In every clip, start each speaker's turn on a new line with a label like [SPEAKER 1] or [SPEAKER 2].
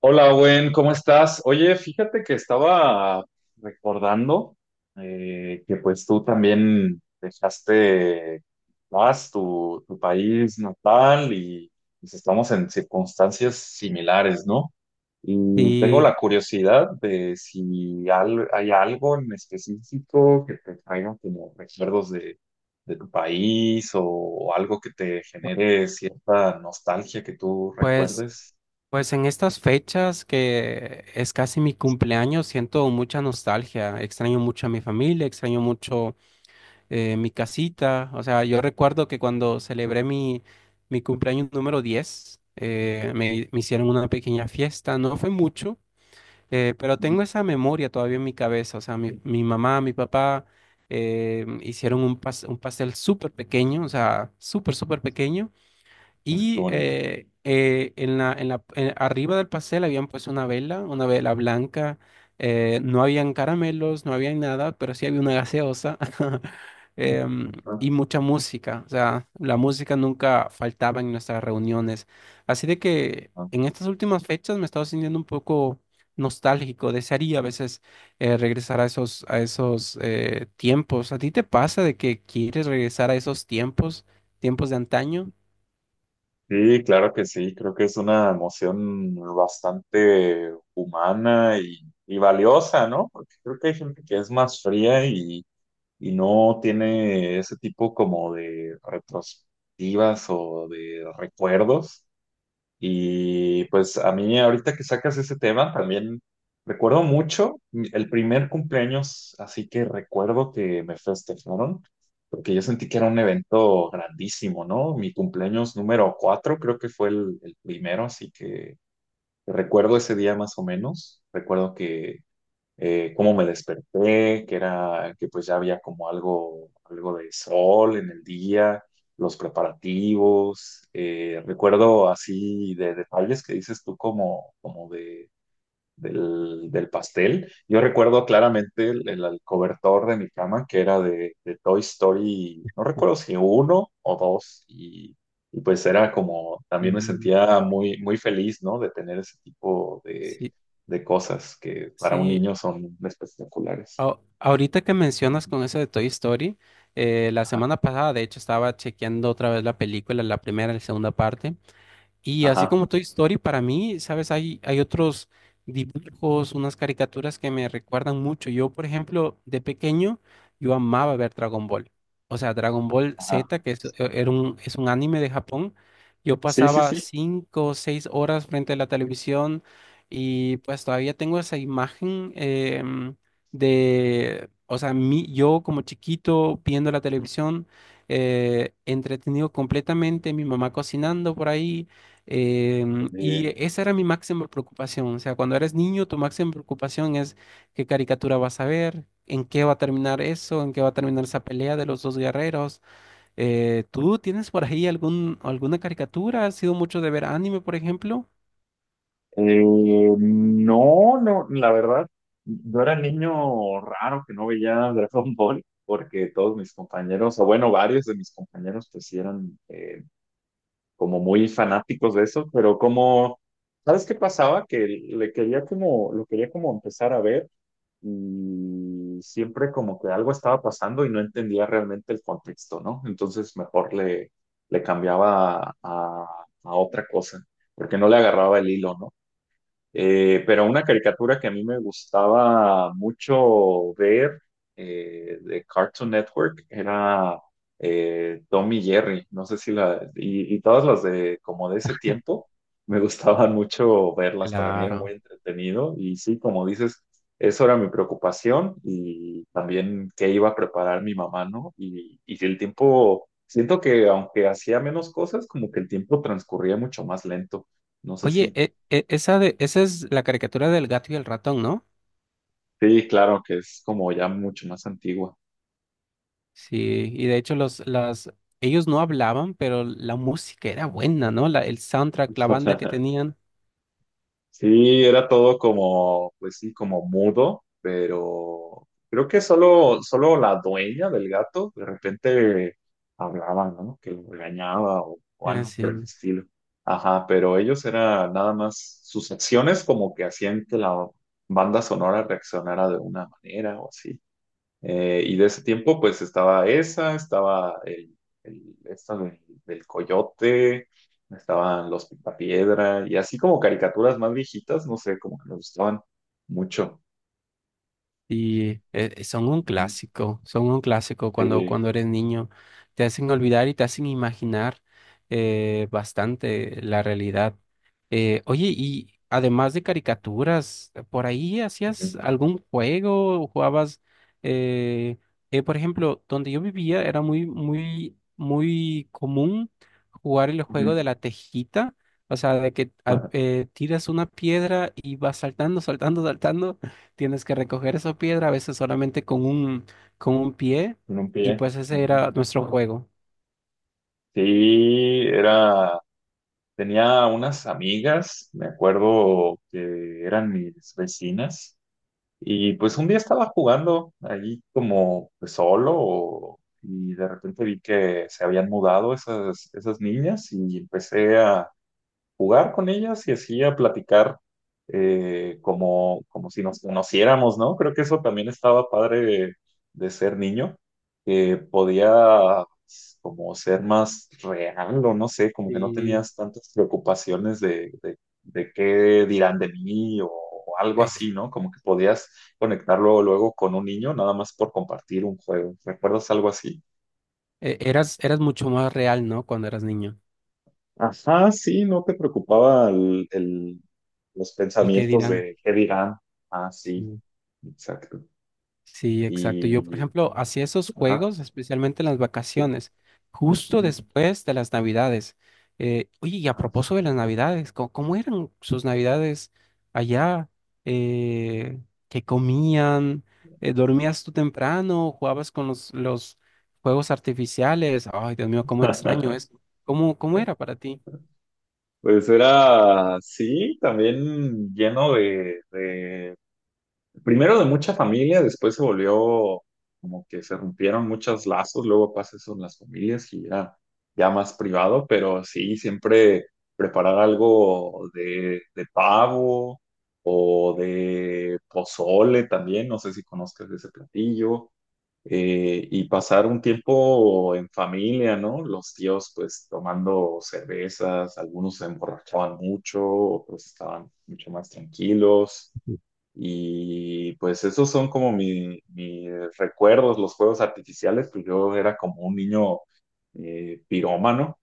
[SPEAKER 1] Hola, Owen, ¿cómo estás? Oye, fíjate que estaba recordando que pues tú también dejaste más tu país natal y pues, estamos en circunstancias similares, ¿no? Y tengo
[SPEAKER 2] Y
[SPEAKER 1] la curiosidad de si hay algo en específico que te traiga como recuerdos de tu país o algo que te genere cierta nostalgia que tú
[SPEAKER 2] pues,
[SPEAKER 1] recuerdes.
[SPEAKER 2] pues en estas fechas que es casi mi cumpleaños, siento mucha nostalgia, extraño mucho a mi familia, extraño mucho mi casita. O sea, yo recuerdo que cuando celebré mi cumpleaños número 10, me hicieron una pequeña fiesta, no fue mucho. Eh, pero tengo esa memoria todavía en mi cabeza. O sea, mi mamá, mi papá hicieron un, un pastel súper pequeño, o sea, súper, súper pequeño.
[SPEAKER 1] Ay, qué
[SPEAKER 2] Y
[SPEAKER 1] bonito.
[SPEAKER 2] arriba del pastel habían puesto una vela blanca. Eh, no habían caramelos, no había nada, pero sí había una gaseosa em, y
[SPEAKER 1] Ujú,
[SPEAKER 2] mucha música. O sea, la música nunca faltaba en nuestras reuniones. Así de que
[SPEAKER 1] ujú.
[SPEAKER 2] en estas últimas fechas me he estado sintiendo un poco nostálgico. Desearía a veces regresar a esos tiempos. ¿A ti te pasa de que quieres regresar a esos tiempos, tiempos de antaño?
[SPEAKER 1] Sí, claro que sí, creo que es una emoción bastante humana y valiosa, ¿no? Porque creo que hay gente que es más fría y no tiene ese tipo como de retrospectivas o de recuerdos. Y pues a mí ahorita que sacas ese tema, también recuerdo mucho el primer cumpleaños, así que recuerdo que me festejaron, porque yo sentí que era un evento grandísimo, ¿no? Mi cumpleaños número cuatro creo que fue el primero, así que recuerdo ese día más o menos. Recuerdo que cómo me desperté, que era que pues ya había como algo de sol en el día, los preparativos, recuerdo así de detalles que dices tú como del pastel. Yo recuerdo claramente el cobertor de mi cama que era de Toy Story, no recuerdo si uno o dos, y pues era como, también me
[SPEAKER 2] Sí.
[SPEAKER 1] sentía muy, muy feliz, ¿no? De tener ese tipo de,
[SPEAKER 2] Sí,
[SPEAKER 1] de cosas que para un
[SPEAKER 2] sí.
[SPEAKER 1] niño son espectaculares.
[SPEAKER 2] Ahorita que mencionas
[SPEAKER 1] Ujú.
[SPEAKER 2] con eso de Toy Story, la
[SPEAKER 1] Ajá,
[SPEAKER 2] semana pasada, de hecho, estaba chequeando otra vez la película, la primera y la segunda parte. Y así
[SPEAKER 1] ajá,
[SPEAKER 2] como Toy Story, para mí, ¿sabes? Hay otros dibujos, unas caricaturas que me recuerdan mucho. Yo, por ejemplo, de pequeño, yo amaba ver Dragon Ball. O sea, Dragon Ball
[SPEAKER 1] ajá.
[SPEAKER 2] Z, que es un anime de Japón. Yo
[SPEAKER 1] Sí, sí,
[SPEAKER 2] pasaba
[SPEAKER 1] sí.
[SPEAKER 2] 5 o 6 horas frente a la televisión y pues todavía tengo esa imagen de, o sea, yo como chiquito viendo la televisión, entretenido completamente, mi mamá cocinando por ahí. Y
[SPEAKER 1] Eh,
[SPEAKER 2] esa era mi máxima preocupación. O sea, cuando eres niño, tu máxima preocupación es qué caricatura vas a ver, en qué va a terminar eso, en qué va a terminar esa pelea de los dos guerreros. ¿Tú tienes por ahí alguna caricatura? ¿Has sido mucho de ver anime, por ejemplo?
[SPEAKER 1] No, no, la verdad, yo era el niño raro que no veía Dragon Ball, porque todos mis compañeros, o bueno, varios de mis compañeros, pues sí eran como muy fanáticos de eso, pero como, ¿sabes qué pasaba? Que lo quería como empezar a ver y siempre como que algo estaba pasando y no entendía realmente el contexto, ¿no? Entonces mejor le cambiaba a otra cosa, porque no le agarraba el hilo, ¿no? Pero una caricatura que a mí me gustaba mucho ver de Cartoon Network era Tom y Jerry, no sé si la, y todas las de como de ese tiempo, me gustaban mucho verlas, para mí era muy
[SPEAKER 2] Claro.
[SPEAKER 1] entretenido y sí, como dices, eso era mi preocupación y también qué iba a preparar mi mamá, ¿no? Y el tiempo, siento que aunque hacía menos cosas, como que el tiempo transcurría mucho más lento. No sé
[SPEAKER 2] Oye,
[SPEAKER 1] si.
[SPEAKER 2] esa es la caricatura del gato y el ratón, ¿no?
[SPEAKER 1] Sí, claro, que es como ya mucho más antigua.
[SPEAKER 2] Sí, y de hecho ellos no hablaban, pero la música era buena, ¿no? La, el soundtrack, la banda que tenían.
[SPEAKER 1] Sí, era todo como, pues sí, como mudo, pero creo que solo la dueña del gato de repente hablaba, ¿no? Que lo regañaba o
[SPEAKER 2] Ah,
[SPEAKER 1] algo por el
[SPEAKER 2] sí.
[SPEAKER 1] estilo. Ajá, pero ellos era nada más sus acciones como que hacían que la banda sonora reaccionara de una manera o así. Y de ese tiempo, pues del coyote, estaban los Picapiedra, y así como caricaturas más viejitas, no sé, como que me gustaban mucho.
[SPEAKER 2] Y
[SPEAKER 1] Ujú.
[SPEAKER 2] son un clásico
[SPEAKER 1] Sí,
[SPEAKER 2] cuando eres niño. Te hacen olvidar y te hacen imaginar bastante la realidad. Oye, y además de caricaturas, ¿por ahí hacías
[SPEAKER 1] ujú,
[SPEAKER 2] algún juego? ¿Jugabas? eh, por ejemplo, donde yo vivía era muy, muy, muy común jugar el
[SPEAKER 1] ujú.
[SPEAKER 2] juego de la tejita. O sea, de que
[SPEAKER 1] Ajá,
[SPEAKER 2] tiras una piedra y vas saltando, saltando, saltando. Tienes que recoger esa piedra, a veces solamente con un pie,
[SPEAKER 1] con un
[SPEAKER 2] y
[SPEAKER 1] pie.
[SPEAKER 2] pues ese
[SPEAKER 1] Ujú.
[SPEAKER 2] era nuestro juego.
[SPEAKER 1] Sí, era, tenía unas amigas, me acuerdo que eran mis vecinas, y pues un día estaba jugando ahí como pues solo y de repente vi que se habían mudado esas niñas y empecé a, jugar con ellas y así a platicar como si nos conociéramos, ¿no? Creo que eso también estaba padre de ser niño, que podía pues, como ser más real o no sé, como que no
[SPEAKER 2] Y
[SPEAKER 1] tenías tantas preocupaciones de, de qué dirán de mí o algo
[SPEAKER 2] ex-
[SPEAKER 1] así, ¿no? Como que podías conectarlo luego con un niño nada más por compartir un juego. ¿Recuerdas algo así?
[SPEAKER 2] eras, eras mucho más real, ¿no? Cuando eras niño.
[SPEAKER 1] Ajá, sí, no te preocupaba los
[SPEAKER 2] El que
[SPEAKER 1] pensamientos
[SPEAKER 2] dirán.
[SPEAKER 1] de qué dirán. Ah, sí,
[SPEAKER 2] Sí.
[SPEAKER 1] exacto.
[SPEAKER 2] Sí, exacto. Yo, por
[SPEAKER 1] Y,
[SPEAKER 2] ejemplo, hacía esos
[SPEAKER 1] ajá,
[SPEAKER 2] juegos, especialmente en las
[SPEAKER 1] sí.
[SPEAKER 2] vacaciones, justo
[SPEAKER 1] Ujú,
[SPEAKER 2] después de las Navidades. Oye, y a
[SPEAKER 1] ajá.
[SPEAKER 2] propósito de las Navidades, ¿cómo, cómo eran sus Navidades allá? Eh, ¿Qué comían? ¿Dormías tú temprano? ¿Jugabas con los juegos artificiales? Ay, Dios mío, cómo extraño eso. ¿Cómo, cómo era para ti?
[SPEAKER 1] Pues era, sí, también lleno de, de primero de mucha familia, después se volvió como que se rompieron muchos lazos, luego pasa eso en las familias y era ya más privado, pero sí, siempre preparar algo de pavo o de pozole también, no sé si conozcas ese platillo, y pasar un tiempo en familia, ¿no? Los tíos pues tomando cervezas, algunos se emborrachaban mucho, otros estaban mucho más tranquilos. Y pues esos son como mis recuerdos, los juegos artificiales, pues yo era como un niño pirómano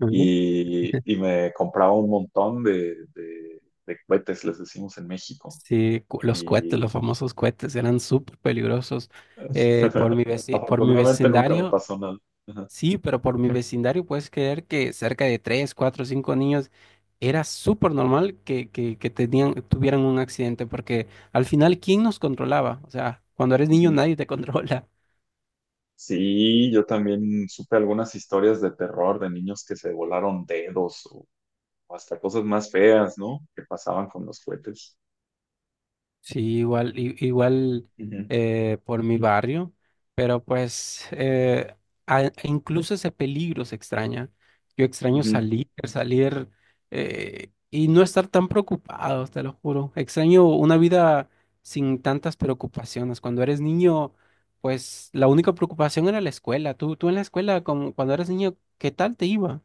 [SPEAKER 2] Ujú.
[SPEAKER 1] y me compraba un montón de cohetes, les decimos en México.
[SPEAKER 2] Sí, los cohetes,
[SPEAKER 1] Y
[SPEAKER 2] los famosos cohetes eran súper peligrosos. Por mi por mi
[SPEAKER 1] afortunadamente nunca me
[SPEAKER 2] vecindario.
[SPEAKER 1] pasó nada. Ajá.
[SPEAKER 2] Sí, pero por mi vecindario puedes creer que cerca de tres, cuatro, cinco niños era súper normal que, que tuvieran un accidente, porque al final, ¿quién nos controlaba? O sea, cuando eres niño
[SPEAKER 1] Ujú.
[SPEAKER 2] nadie te controla.
[SPEAKER 1] Sí, yo también supe algunas historias de terror de niños que se volaron dedos o hasta cosas más feas, ¿no? Que pasaban con los cohetes.
[SPEAKER 2] Sí, igual, igual
[SPEAKER 1] Ujú.
[SPEAKER 2] por mi barrio, pero pues e incluso ese peligro se extraña. Yo extraño
[SPEAKER 1] Ujú.
[SPEAKER 2] salir, salir, y no estar tan preocupado, te lo juro. Extraño una vida sin tantas preocupaciones. Cuando eres niño, pues la única preocupación era la escuela. Tú en la escuela, como cuando eras niño, ¿qué tal te iba?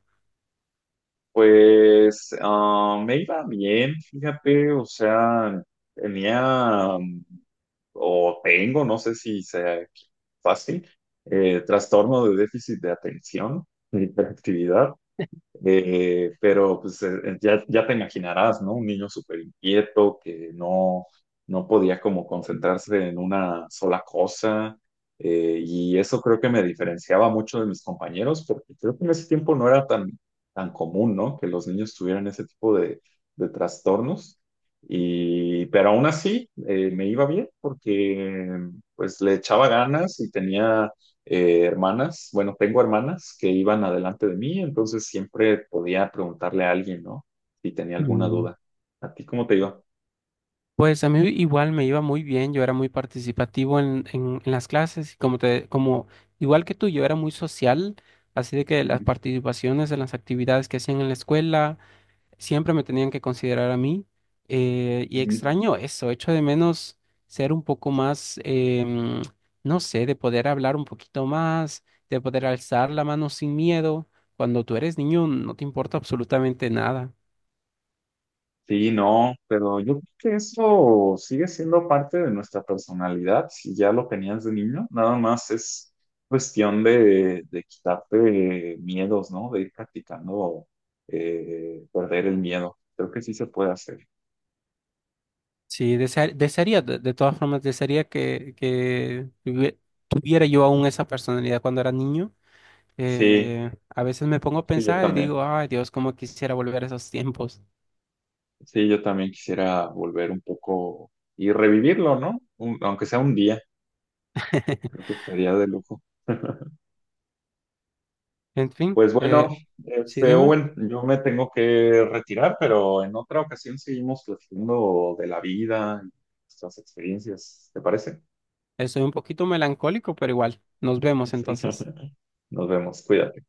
[SPEAKER 1] Pues me iba bien, fíjate, o sea, tenía, mm, o tengo, no sé si sea fácil, trastorno de déficit de atención, de hiperactividad. Pero pues ya, ya te imaginarás, ¿no? Un niño súper inquieto que no, no podía como concentrarse en una sola cosa. Y eso creo que me diferenciaba mucho de mis compañeros, porque creo que en ese tiempo no era tan, tan común, ¿no? Que los niños tuvieran ese tipo de trastornos. Pero aún así me iba bien porque pues le echaba ganas y tenía hermanas, bueno, tengo hermanas que iban adelante de mí, entonces siempre podía preguntarle a alguien, ¿no? Si tenía alguna duda. ¿A ti cómo te iba?
[SPEAKER 2] Pues a mí igual me iba muy bien, yo era muy participativo en las clases, y como como igual que tú, yo era muy social, así de que las
[SPEAKER 1] Ujú,
[SPEAKER 2] participaciones en las actividades que hacían en la escuela siempre me tenían que considerar a mí, y
[SPEAKER 1] ujú.
[SPEAKER 2] extraño eso, echo de menos ser un poco más, no sé, de poder hablar un poquito más, de poder alzar la mano sin miedo, cuando tú eres niño no te importa absolutamente nada.
[SPEAKER 1] Sí, no, pero yo creo que eso sigue siendo parte de nuestra personalidad, si ya lo tenías de niño, nada más es cuestión de quitarte miedos, ¿no? De ir practicando perder el miedo. Creo que sí se puede hacer.
[SPEAKER 2] Sí, desearía, de todas formas, desearía que tuviera yo aún esa personalidad cuando era niño.
[SPEAKER 1] Sí,
[SPEAKER 2] A veces me pongo a
[SPEAKER 1] sí, yo
[SPEAKER 2] pensar y
[SPEAKER 1] también.
[SPEAKER 2] digo, ay Dios, cómo quisiera volver a esos tiempos.
[SPEAKER 1] Sí, yo también quisiera volver un poco y revivirlo, ¿no? Aunque sea un día, creo que estaría de lujo.
[SPEAKER 2] En fin,
[SPEAKER 1] Pues bueno,
[SPEAKER 2] sí, dime,
[SPEAKER 1] Owen, yo me tengo que retirar, pero en otra ocasión seguimos platicando de la vida y nuestras experiencias, ¿te parece?
[SPEAKER 2] estoy un poquito melancólico, pero igual, nos vemos
[SPEAKER 1] Sí.
[SPEAKER 2] entonces.
[SPEAKER 1] Nos vemos, cuídate.